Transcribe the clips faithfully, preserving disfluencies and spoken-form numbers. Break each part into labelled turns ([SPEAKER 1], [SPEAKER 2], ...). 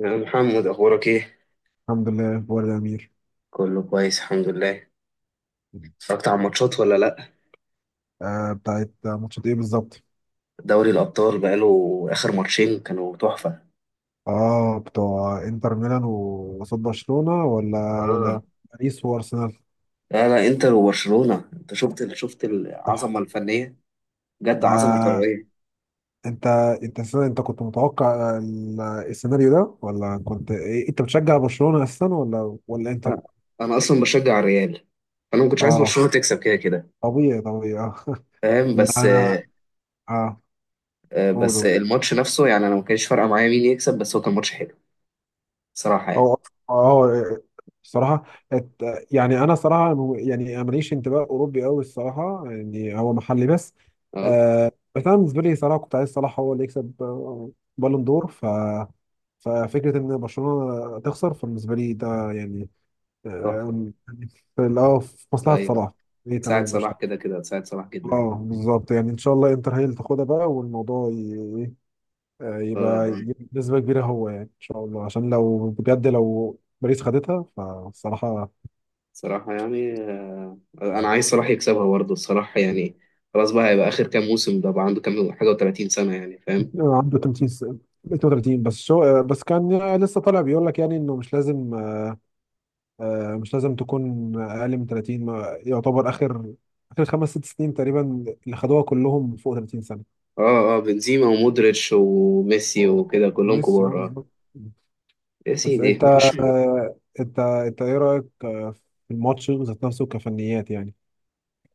[SPEAKER 1] يا محمد، اخبارك ايه؟
[SPEAKER 2] الحمد لله. اخبار الامير؟
[SPEAKER 1] كله كويس الحمد لله. اتفرجت على الماتشات ولا لا؟
[SPEAKER 2] آه، بتاعت ماتشات ايه بالظبط؟
[SPEAKER 1] دوري الابطال بقاله. اخر ماتشين كانوا تحفه.
[SPEAKER 2] اه، بتوع انتر ميلان و- وقصاد برشلونه ولا
[SPEAKER 1] اه.
[SPEAKER 2] ولا باريس وارسنال.
[SPEAKER 1] لا لا، انتر وبرشلونه. انت شفت ال- شفت
[SPEAKER 2] آه.
[SPEAKER 1] العظمه الفنيه، بجد عظمه
[SPEAKER 2] آه،
[SPEAKER 1] كرويه.
[SPEAKER 2] انت انت السنة- انت كنت متوقع ال- السيناريو ده، ولا كنت إيه؟ انت بتشجع برشلونه اساسا ولا ولا انتر؟
[SPEAKER 1] آه، انا اصلا بشجع الريال. انا ما كنتش عايز
[SPEAKER 2] اه،
[SPEAKER 1] برشلونه تكسب كده كده.
[SPEAKER 2] طبيعي طبيعي اه
[SPEAKER 1] فاهم؟
[SPEAKER 2] لا
[SPEAKER 1] بس
[SPEAKER 2] انا اه.
[SPEAKER 1] آه، بس
[SPEAKER 2] قول.
[SPEAKER 1] الماتش نفسه، يعني انا ما كانش فارقه معايا مين يكسب، بس هو كان ماتش حلو. صراحه يعني.
[SPEAKER 2] هو اه الصراحة. ات- يعني أنا صراحة م- يعني ماليش انتماء أوروبي أوي الصراحة، يعني هو محلي بس.
[SPEAKER 1] اه،
[SPEAKER 2] آه، بس أنا بالنسبة لي صراحة كنت عايز صلاح هو اللي يكسب آه، بالون دور. ف ففكرة إن برشلونة تخسر فبالنسبة لي ده يعني
[SPEAKER 1] تحفه.
[SPEAKER 2] آه، يعني في ال- اه في مصلحة
[SPEAKER 1] ايوه،
[SPEAKER 2] صلاح. إيه
[SPEAKER 1] ساعد
[SPEAKER 2] تمام، مش
[SPEAKER 1] صلاح كده كده، ساعد صلاح جدا.
[SPEAKER 2] اه بالظبط. يعني إن شاء الله إنتر هي اللي تاخدها بقى، والموضوع آه،
[SPEAKER 1] اه
[SPEAKER 2] يبقى
[SPEAKER 1] اه،
[SPEAKER 2] يجيب نسبة كبيرة هو، يعني إن شاء الله، عشان لو بجد لو باريس خدتها فالصراحة
[SPEAKER 1] صراحه يعني، انا
[SPEAKER 2] آه،
[SPEAKER 1] عايز صلاح يكسبها برضه الصراحه يعني. خلاص بقى، هيبقى اخر كام موسم ده، بقى عنده كام حاجه وثلاثين سنه يعني. فاهم؟
[SPEAKER 2] عنده ثلاثين س- اتنين وتلاتين بس شو آه، بس كان لسه طالع بيقول لك يعني إنه مش لازم آه، مش لازم تكون أقل من ثلاثين. ما- يعتبر آخر آخر خمس ست سنين تقريبا اللي خدوها كلهم فوق ثلاثين سنة.
[SPEAKER 1] اه اه، بنزيما ومودريتش وميسي
[SPEAKER 2] آه،
[SPEAKER 1] وكده كلهم
[SPEAKER 2] ميسي اه
[SPEAKER 1] كبار. اه،
[SPEAKER 2] بالظبط.
[SPEAKER 1] يا
[SPEAKER 2] بس
[SPEAKER 1] سيدي
[SPEAKER 2] أنت
[SPEAKER 1] ماشي.
[SPEAKER 2] آه، أنت أنت إيه رأيك آه، في الماتش ذات نفسه كفنيات يعني؟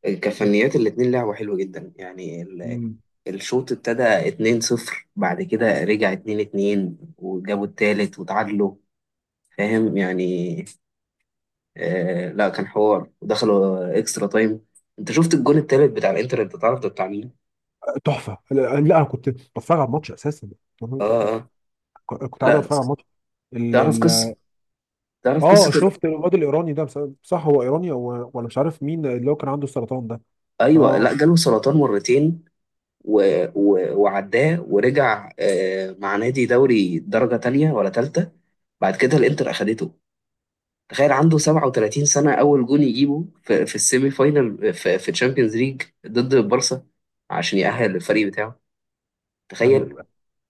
[SPEAKER 1] كفنيات، الاتنين لعبوا حلو جدا يعني. ال- الشوط ابتدى اتنين صفر، بعد كده رجع اتنين اتنين، وجابوا التالت وتعادلوا. فاهم يعني؟ آه لا، كان حوار ودخلوا اكسترا تايم. انت شفت الجون التالت بتاع الانتر؟ انت تعرف ده بتاع مين؟
[SPEAKER 2] تحفه. لا لا، انا كنت بتفرج على الماتش اساسا،
[SPEAKER 1] اه اه.
[SPEAKER 2] كنت قاعد
[SPEAKER 1] لا،
[SPEAKER 2] اتفرج على الماتش. ال
[SPEAKER 1] تعرف قصة،
[SPEAKER 2] ال
[SPEAKER 1] تعرف
[SPEAKER 2] اه
[SPEAKER 1] قصة ال...
[SPEAKER 2] شفت الواد الايراني ده بس- صح، هو ايراني هو ولا مش عارف، مين اللي هو كان عنده السرطان ده؟
[SPEAKER 1] أيوة،
[SPEAKER 2] اه.
[SPEAKER 1] لا، جاله سرطان مرتين و... و... وعداه ورجع، آه، مع نادي دوري درجة تانية ولا تالتة. بعد كده الإنتر أخدته. تخيل، عنده سبعة وثلاثين سنة، أول جون يجيبه في, في السيمي فاينال، في, في تشامبيونز ليج ضد البارسا، عشان يأهل الفريق بتاعه. تخيل.
[SPEAKER 2] ال-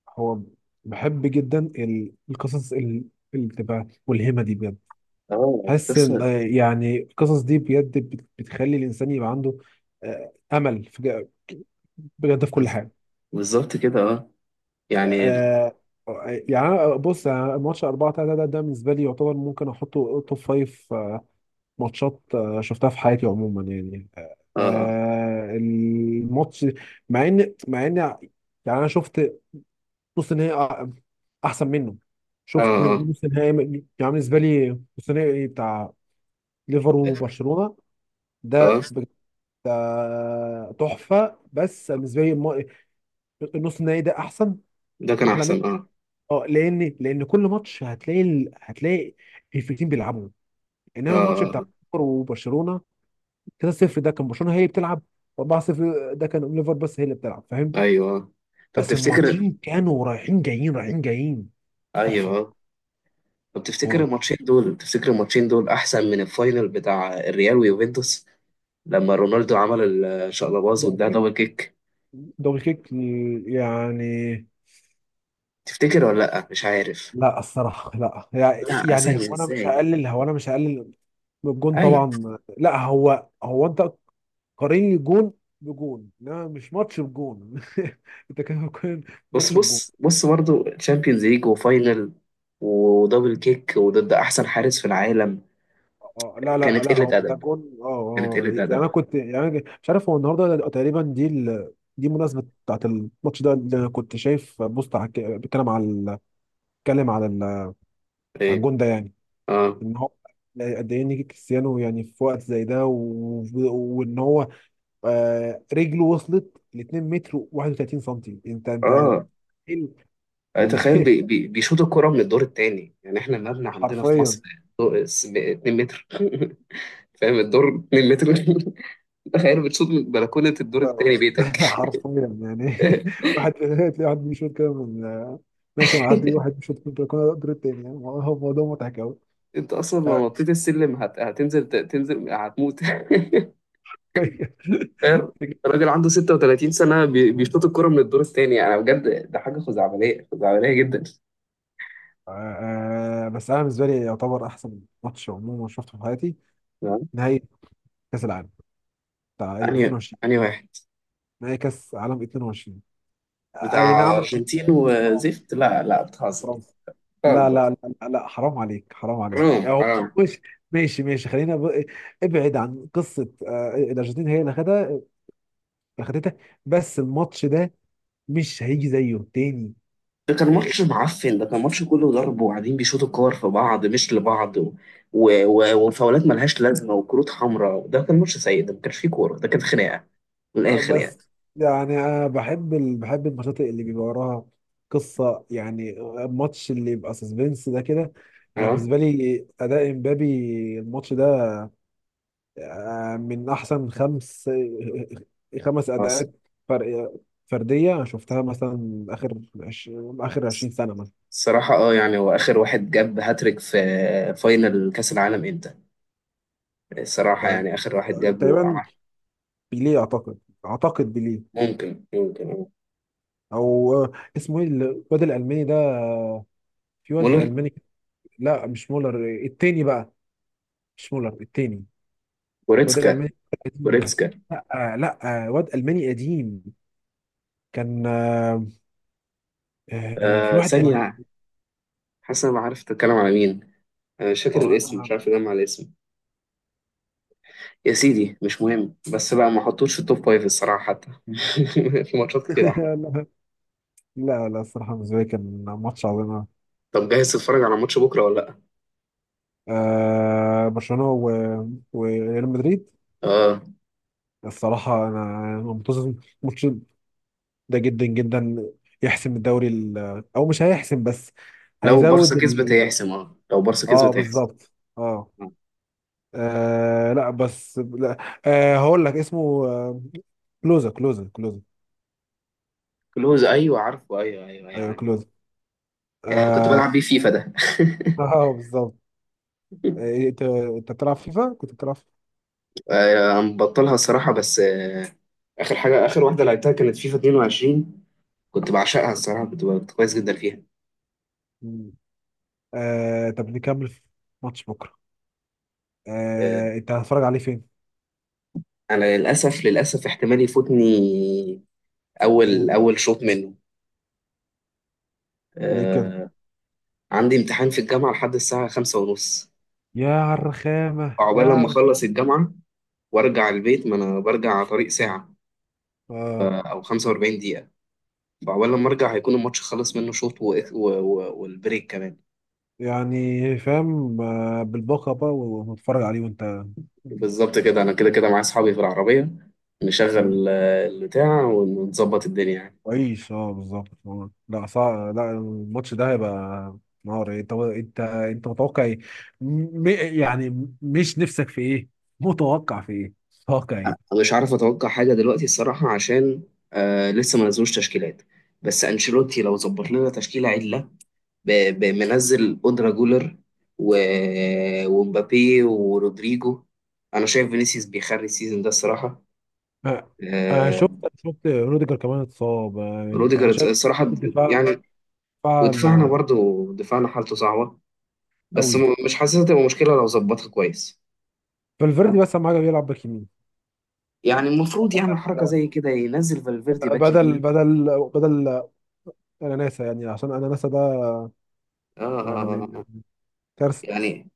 [SPEAKER 2] هو بحب جدا ال- القصص ال- اللي بتبقى ملهمه دي بجد.
[SPEAKER 1] اه،
[SPEAKER 2] حاسس إن-
[SPEAKER 1] اتكسر.
[SPEAKER 2] آه، يعني القصص دي بجد بت- بتخلي الانسان يبقى عنده آه، امل في- بجد في كل
[SPEAKER 1] بز-
[SPEAKER 2] حاجه.
[SPEAKER 1] بالظبط كده اه. يعني ال-
[SPEAKER 2] آه آه، يعني أنا- بص، يعني ماتش اربعة تلاتة ده ده بالنسبه لي يعتبر ممكن احطه توب فايف آه، ماتشات آه، شفتها في حياتي عموما، يعني آه
[SPEAKER 1] اه
[SPEAKER 2] آه، الماتش. مع ان مع ان يعني انا شفت نص نهائي أ- احسن منه.
[SPEAKER 1] اه.
[SPEAKER 2] شفت
[SPEAKER 1] اه
[SPEAKER 2] نص نهائي م- يعني بالنسبه لي نص نهائي بتاع ليفر وبرشلونه
[SPEAKER 1] اه،
[SPEAKER 2] ده بجد، آه، تحفه. بس بالنسبه لي الم- النص النهائي ده احسن،
[SPEAKER 1] ده كان
[SPEAKER 2] احلى.
[SPEAKER 1] أحسن اه.
[SPEAKER 2] اه، لان لان كل ماتش هتلاقي ال... هتلاقي الفريقين بيلعبوا،
[SPEAKER 1] اه.
[SPEAKER 2] انما الماتش بتاع
[SPEAKER 1] آه.
[SPEAKER 2] ليفر وبرشلونه تلاتة صفر ده كان برشلونه هي اللي بتلعب، اربع صفر ده كان ليفر بس هي اللي بتلعب،
[SPEAKER 1] آه،
[SPEAKER 2] فاهم.
[SPEAKER 1] أيوه. طب
[SPEAKER 2] بس
[SPEAKER 1] تفتكر،
[SPEAKER 2] الماتشين كانوا رايحين جايين رايحين جايين، تحفه.
[SPEAKER 1] ايوه طب تفتكر
[SPEAKER 2] جول.
[SPEAKER 1] الماتشين دول، تفتكر الماتشين دول احسن من الفاينل بتاع الريال ويوفنتوس لما رونالدو عمل الشقلباز
[SPEAKER 2] دبل
[SPEAKER 1] واداها
[SPEAKER 2] كيك.
[SPEAKER 1] دبل كيك؟
[SPEAKER 2] دبل كيك يعني.
[SPEAKER 1] تفتكر ولا لا؟ مش عارف.
[SPEAKER 2] لا الصراحه لا، يعني
[SPEAKER 1] لا،
[SPEAKER 2] يعني
[SPEAKER 1] اسانيا
[SPEAKER 2] هو انا مش
[SPEAKER 1] ازاي؟
[SPEAKER 2] هقلل، هو انا مش هقلل من الجون
[SPEAKER 1] اي،
[SPEAKER 2] طبعا. لا هو هو انت قارني جون بجون، لا مش ماتش بجون انت كده بتقارن
[SPEAKER 1] بص
[SPEAKER 2] ماتش بجون؟
[SPEAKER 1] بص بص، برضه تشامبيونز ليج وفاينل ودبل كيك وضد احسن حارس في العالم.
[SPEAKER 2] اه آه، لا لا
[SPEAKER 1] كانت
[SPEAKER 2] لا، هو
[SPEAKER 1] قله
[SPEAKER 2] ده
[SPEAKER 1] ادب،
[SPEAKER 2] جون اه
[SPEAKER 1] كانت
[SPEAKER 2] اه.
[SPEAKER 1] قله
[SPEAKER 2] يعني
[SPEAKER 1] ادب.
[SPEAKER 2] انا كنت، يعني أنا مش عارف، هو النهارده تقريبا دي ال... دي مناسبة بتاعت الماتش ده، اللي انا كنت شايف بوست على الك- بيتكلم على ال- بيتكلم على ال... على
[SPEAKER 1] ايه؟
[SPEAKER 2] الجون ده يعني.
[SPEAKER 1] اه
[SPEAKER 2] ان هو قد ايه نيجي كريستيانو يعني في وقت زي ده، و... وان هو آه رجله وصلت ل اثنين متر و31 سم. انت انت
[SPEAKER 1] اه.
[SPEAKER 2] إيه ال- يعني
[SPEAKER 1] تخيل، بي بي بيشوطوا الكرة من الدور التاني يعني. احنا المبنى عندنا في
[SPEAKER 2] حرفيا.
[SPEAKER 1] مصر، دو- س- اتنين متر متر فاهم؟ الدور مترين متر تخيل بتشوط من بلكونة الدور التاني
[SPEAKER 2] آه.
[SPEAKER 1] بيتك
[SPEAKER 2] حرفيا يعني واحد تلاقي واحد بيشوط كده من آه، ماشي، معدي واحد بيشوط من البلكونه قدر التاني، يعني هو موضوع مضحك قوي.
[SPEAKER 1] انت اصلا
[SPEAKER 2] آه.
[SPEAKER 1] لو نطيت السلم هت... هتنزل، ت- تنزل هتموت تخيل، راجل عنده ستة وتلاتين سنة بي- بيشوط الكرة من الدور التاني، يعني بجد ده حاجة خزعبلية، خزعبلية جدا.
[SPEAKER 2] آه، بس انا بالنسبه لي يعتبر احسن ماتش عموما شفته في حياتي:
[SPEAKER 1] تمام.
[SPEAKER 2] نهائي كاس العالم بتاع اي
[SPEAKER 1] أنهي
[SPEAKER 2] اتنين وعشرين.
[SPEAKER 1] أنهي واحد؟
[SPEAKER 2] نهائي كاس عالم اتنين وعشرين، اي
[SPEAKER 1] بتاع
[SPEAKER 2] نعم، كان
[SPEAKER 1] أرجنتين
[SPEAKER 2] في- اه
[SPEAKER 1] وزفت. لا لا، بتهزر،
[SPEAKER 2] فرنسا. لا
[SPEAKER 1] بتهزر.
[SPEAKER 2] لا لا لا لا، حرام عليك، حرام عليك، يعني
[SPEAKER 1] حرام،
[SPEAKER 2] هو
[SPEAKER 1] حرام.
[SPEAKER 2] مش، ماشي ماشي، خلينا ب... ابعد عن قصه آه، الارجنتين هي اللي خدها، اخدتها، بس الماتش ده مش هيجي زيه تاني.
[SPEAKER 1] ده كان ماتش
[SPEAKER 2] إيه،
[SPEAKER 1] معفن، ده كان ماتش كله ضرب وقاعدين بيشوطوا كور في بعض مش لبعض، و... و... و... وفاولات ملهاش لازمه وكروت حمراء. ده كان ماتش سيء، ده ما كانش فيه كوره، ده كان خناقه من الاخر يعني.
[SPEAKER 2] بس يعني انا بحب ال... بحب الماتشات اللي بيبقى وراها قصه يعني، الماتش اللي يبقى سسبنس ده كده. انا
[SPEAKER 1] اه
[SPEAKER 2] بالنسبه لي اداء امبابي الماتش ده آه، من احسن خمس خمس
[SPEAKER 1] اه. الص-
[SPEAKER 2] اداءات فرق فرديه أنا شفتها، مثلا اخر عش... اخر عشرين سنه.
[SPEAKER 1] الصراحه اه، يعني هو اخر واحد جاب هاتريك في فاينل كاس العالم امتى؟ الصراحه
[SPEAKER 2] مثلا
[SPEAKER 1] يعني، اخر واحد جاب
[SPEAKER 2] تقريبا
[SPEAKER 1] وعمل.
[SPEAKER 2] بيليه اعتقد، اعتقد بيليه،
[SPEAKER 1] ممكن ممكن آه.
[SPEAKER 2] او آه، اسمه ايه الواد الالماني ده آه، في واد
[SPEAKER 1] مولر؟
[SPEAKER 2] الماني كده- لا مش مولر، آه، التاني بقى، مش مولر التاني، الواد
[SPEAKER 1] جوريتسكا؟
[SPEAKER 2] الالماني القديم ده.
[SPEAKER 1] جوريتسكا؟
[SPEAKER 2] لا آه، لا آه، واد الماني قديم، كان آه، آه، في
[SPEAKER 1] آه
[SPEAKER 2] واحد الماني
[SPEAKER 1] ثانيه، حاسس انا عارف تتكلم على مين، انا مش فاكر
[SPEAKER 2] آه،
[SPEAKER 1] الاسم، مش
[SPEAKER 2] آه.
[SPEAKER 1] عارف اجمع الاسم. يا سيدي مش مهم، بس بقى ما حطوش في التوب فايف الصراحة حتى في ماتشات كتير أحلى.
[SPEAKER 2] لا لا الصراحه بالنسبه لي كان ماتش عظيم.
[SPEAKER 1] طب جاهز تتفرج على ماتش بكرة ولا لأ؟
[SPEAKER 2] آه، برشلونه و- وريال مدريد.
[SPEAKER 1] آه،
[SPEAKER 2] الصراحه انا منتظر الماتش ده جدا جدا، يحسم الدوري ال- او مش هيحسم بس
[SPEAKER 1] لو بارسا
[SPEAKER 2] هيزود.
[SPEAKER 1] كسبت هيحسم، اه لو بارسا
[SPEAKER 2] اه
[SPEAKER 1] كسبت هيحسم.
[SPEAKER 2] بالظبط، اه
[SPEAKER 1] آه.
[SPEAKER 2] آه، لا بس لا، آه هقول لك اسمه آه، كلوزا كلوزا كلوزا.
[SPEAKER 1] كلوز، أيوه عارفه، أيوه أيوه أيوه،
[SPEAKER 2] ايوه
[SPEAKER 1] أيوه.
[SPEAKER 2] كلوزا.
[SPEAKER 1] آه كنت
[SPEAKER 2] اه،
[SPEAKER 1] بلعب بيه فيفا ده
[SPEAKER 2] آه بالظبط. آه، انت انت بتلعب فيفا؟ كنت بتلعب فيفا؟
[SPEAKER 1] آه، مبطلها الصراحة بس آه. آخر حاجة، آخر واحدة لعبتها كانت فيفا اتنين وعشرين، كنت بعشقها الصراحة، كنت كنت كويس جدا فيها.
[SPEAKER 2] مم. آه، طب نكمل في ماتش بكره؟
[SPEAKER 1] آه،
[SPEAKER 2] آه، انت هتتفرج عليه فين؟
[SPEAKER 1] أنا للأسف، للأسف احتمال يفوتني أول
[SPEAKER 2] مم.
[SPEAKER 1] أول شوط منه.
[SPEAKER 2] ليه كده؟
[SPEAKER 1] آه، عندي امتحان في الجامعة لحد الساعة خمسة ونص.
[SPEAKER 2] يا الرخامه يا
[SPEAKER 1] فعقبال لما
[SPEAKER 2] عر...
[SPEAKER 1] أخلص الجامعة وأرجع البيت، ما أنا برجع على طريق ساعة
[SPEAKER 2] اه
[SPEAKER 1] أو خمسة وأربعين دقيقة. فعقبال لما أرجع هيكون الماتش خلص منه شوط و... و... و... والبريك كمان.
[SPEAKER 2] يعني فاهم آه، بالباقه بقى ونتفرج عليه، وانت
[SPEAKER 1] بالظبط كده، أنا كده كده معايا أصحابي في العربية،
[SPEAKER 2] مم.
[SPEAKER 1] نشغل آه، البتاع ونظبط الدنيا يعني.
[SPEAKER 2] كويس، اه بالظبط آه. لا صعب، لا الماتش ده هيبقى نار. انت انت انت متوقع ايه؟ م... م- يعني م- مش نفسك في ايه؟ متوقع في ايه؟ متوقع ايه؟
[SPEAKER 1] أنا مش عارف أتوقع حاجة دلوقتي الصراحة، عشان آه لسه ما نزلوش تشكيلات. بس أنشيلوتي لو ظبط لنا تشكيلة عدلة، ب- ب- منزل أودرا جولر و... ومبابي ورودريجو. أنا شايف فينيسيوس بيخري السيزون ده الصراحة.
[SPEAKER 2] آه، انا
[SPEAKER 1] آه،
[SPEAKER 2] شفت، شفت روديجر كمان اتصاب آه،
[SPEAKER 1] روديجر
[SPEAKER 2] انا شايف خط
[SPEAKER 1] الصراحة
[SPEAKER 2] الدفاع،
[SPEAKER 1] يعني.
[SPEAKER 2] دفاع
[SPEAKER 1] ودفاعنا
[SPEAKER 2] ما-
[SPEAKER 1] برضو، دفاعنا حالته صعبة، بس
[SPEAKER 2] قوي.
[SPEAKER 1] م- مش حاسسها تبقى مشكلة لو ظبطها كويس.
[SPEAKER 2] فالفيردي بس اهم حاجه بيلعب باك يمين،
[SPEAKER 1] يعني المفروض يعمل حركة
[SPEAKER 2] بدل
[SPEAKER 1] زي كده، ينزل فالفيردي باك
[SPEAKER 2] بدل
[SPEAKER 1] يمين.
[SPEAKER 2] بدل بدل اناناسا يعني، عشان اناناسا ده
[SPEAKER 1] آه، آه، آه
[SPEAKER 2] يعني
[SPEAKER 1] آه.
[SPEAKER 2] كارثه
[SPEAKER 1] يعني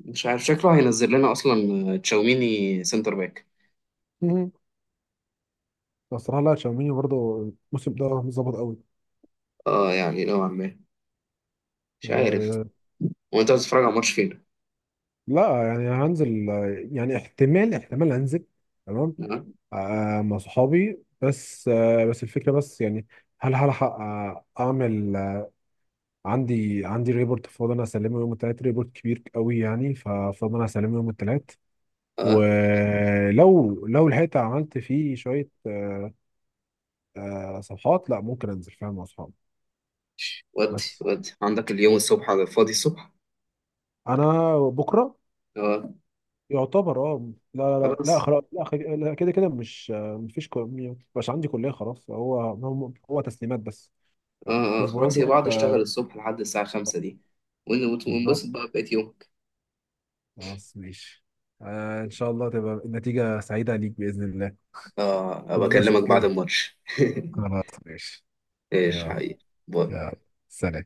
[SPEAKER 1] مش عارف شكله هينزل لنا أصلا، آه، تشاوميني سنتر باك.
[SPEAKER 2] بصراحه لا تشاوميني برضه الموسم ده مش ظابط قوي.
[SPEAKER 1] اه يعني نوعا ما، مش عارف.
[SPEAKER 2] أه
[SPEAKER 1] وانت بتتفرج على ماتش فين؟
[SPEAKER 2] لا، يعني هنزل آه، يعني احتمال احتمال انزل، تمام.
[SPEAKER 1] آه.
[SPEAKER 2] أه مع صحابي، بس أه بس الفكره بس يعني هل هلحق آه، اعمل آه، عندي عندي ريبورت فاضل انا اسلمه يوم التلات، ريبورت كبير قوي يعني، ففاضل انا اسلمه يوم التلات،
[SPEAKER 1] آه،
[SPEAKER 2] ولو لو لحقت عملت فيه شويه أه أه صفحات، لا ممكن انزل، فاهم، مع صحابي.
[SPEAKER 1] ودي
[SPEAKER 2] بس
[SPEAKER 1] ودي عندك اليوم الصبح، على الفاضي الصبح.
[SPEAKER 2] انا بكره
[SPEAKER 1] اه
[SPEAKER 2] يعتبر اه لا لا لا لا
[SPEAKER 1] خلاص.
[SPEAKER 2] خلاص، لا خ- لا، كده كده مش آه، مفيش كو- مبقاش عندي كلية خلاص، هو هو هو تسليمات بس
[SPEAKER 1] اه اه
[SPEAKER 2] الأسبوعين
[SPEAKER 1] خلاص، يا
[SPEAKER 2] دول
[SPEAKER 1] بعض
[SPEAKER 2] آه،
[SPEAKER 1] اشتغل الصبح لحد الساعة خمسة دي، ون- وت-
[SPEAKER 2] بالظبط.
[SPEAKER 1] ونبسط بقى بقيت يومك.
[SPEAKER 2] خلاص ماشي. آه إن شاء الله تبقى النتيجة سعيدة ليك بإذن الله،
[SPEAKER 1] اه، ابقى
[SPEAKER 2] تتبسط
[SPEAKER 1] اكلمك بعد
[SPEAKER 2] كده.
[SPEAKER 1] الماتش
[SPEAKER 2] خلاص ماشي.
[SPEAKER 1] ايش
[SPEAKER 2] يلا.
[SPEAKER 1] حقيقي. باي.
[SPEAKER 2] يلا سلام.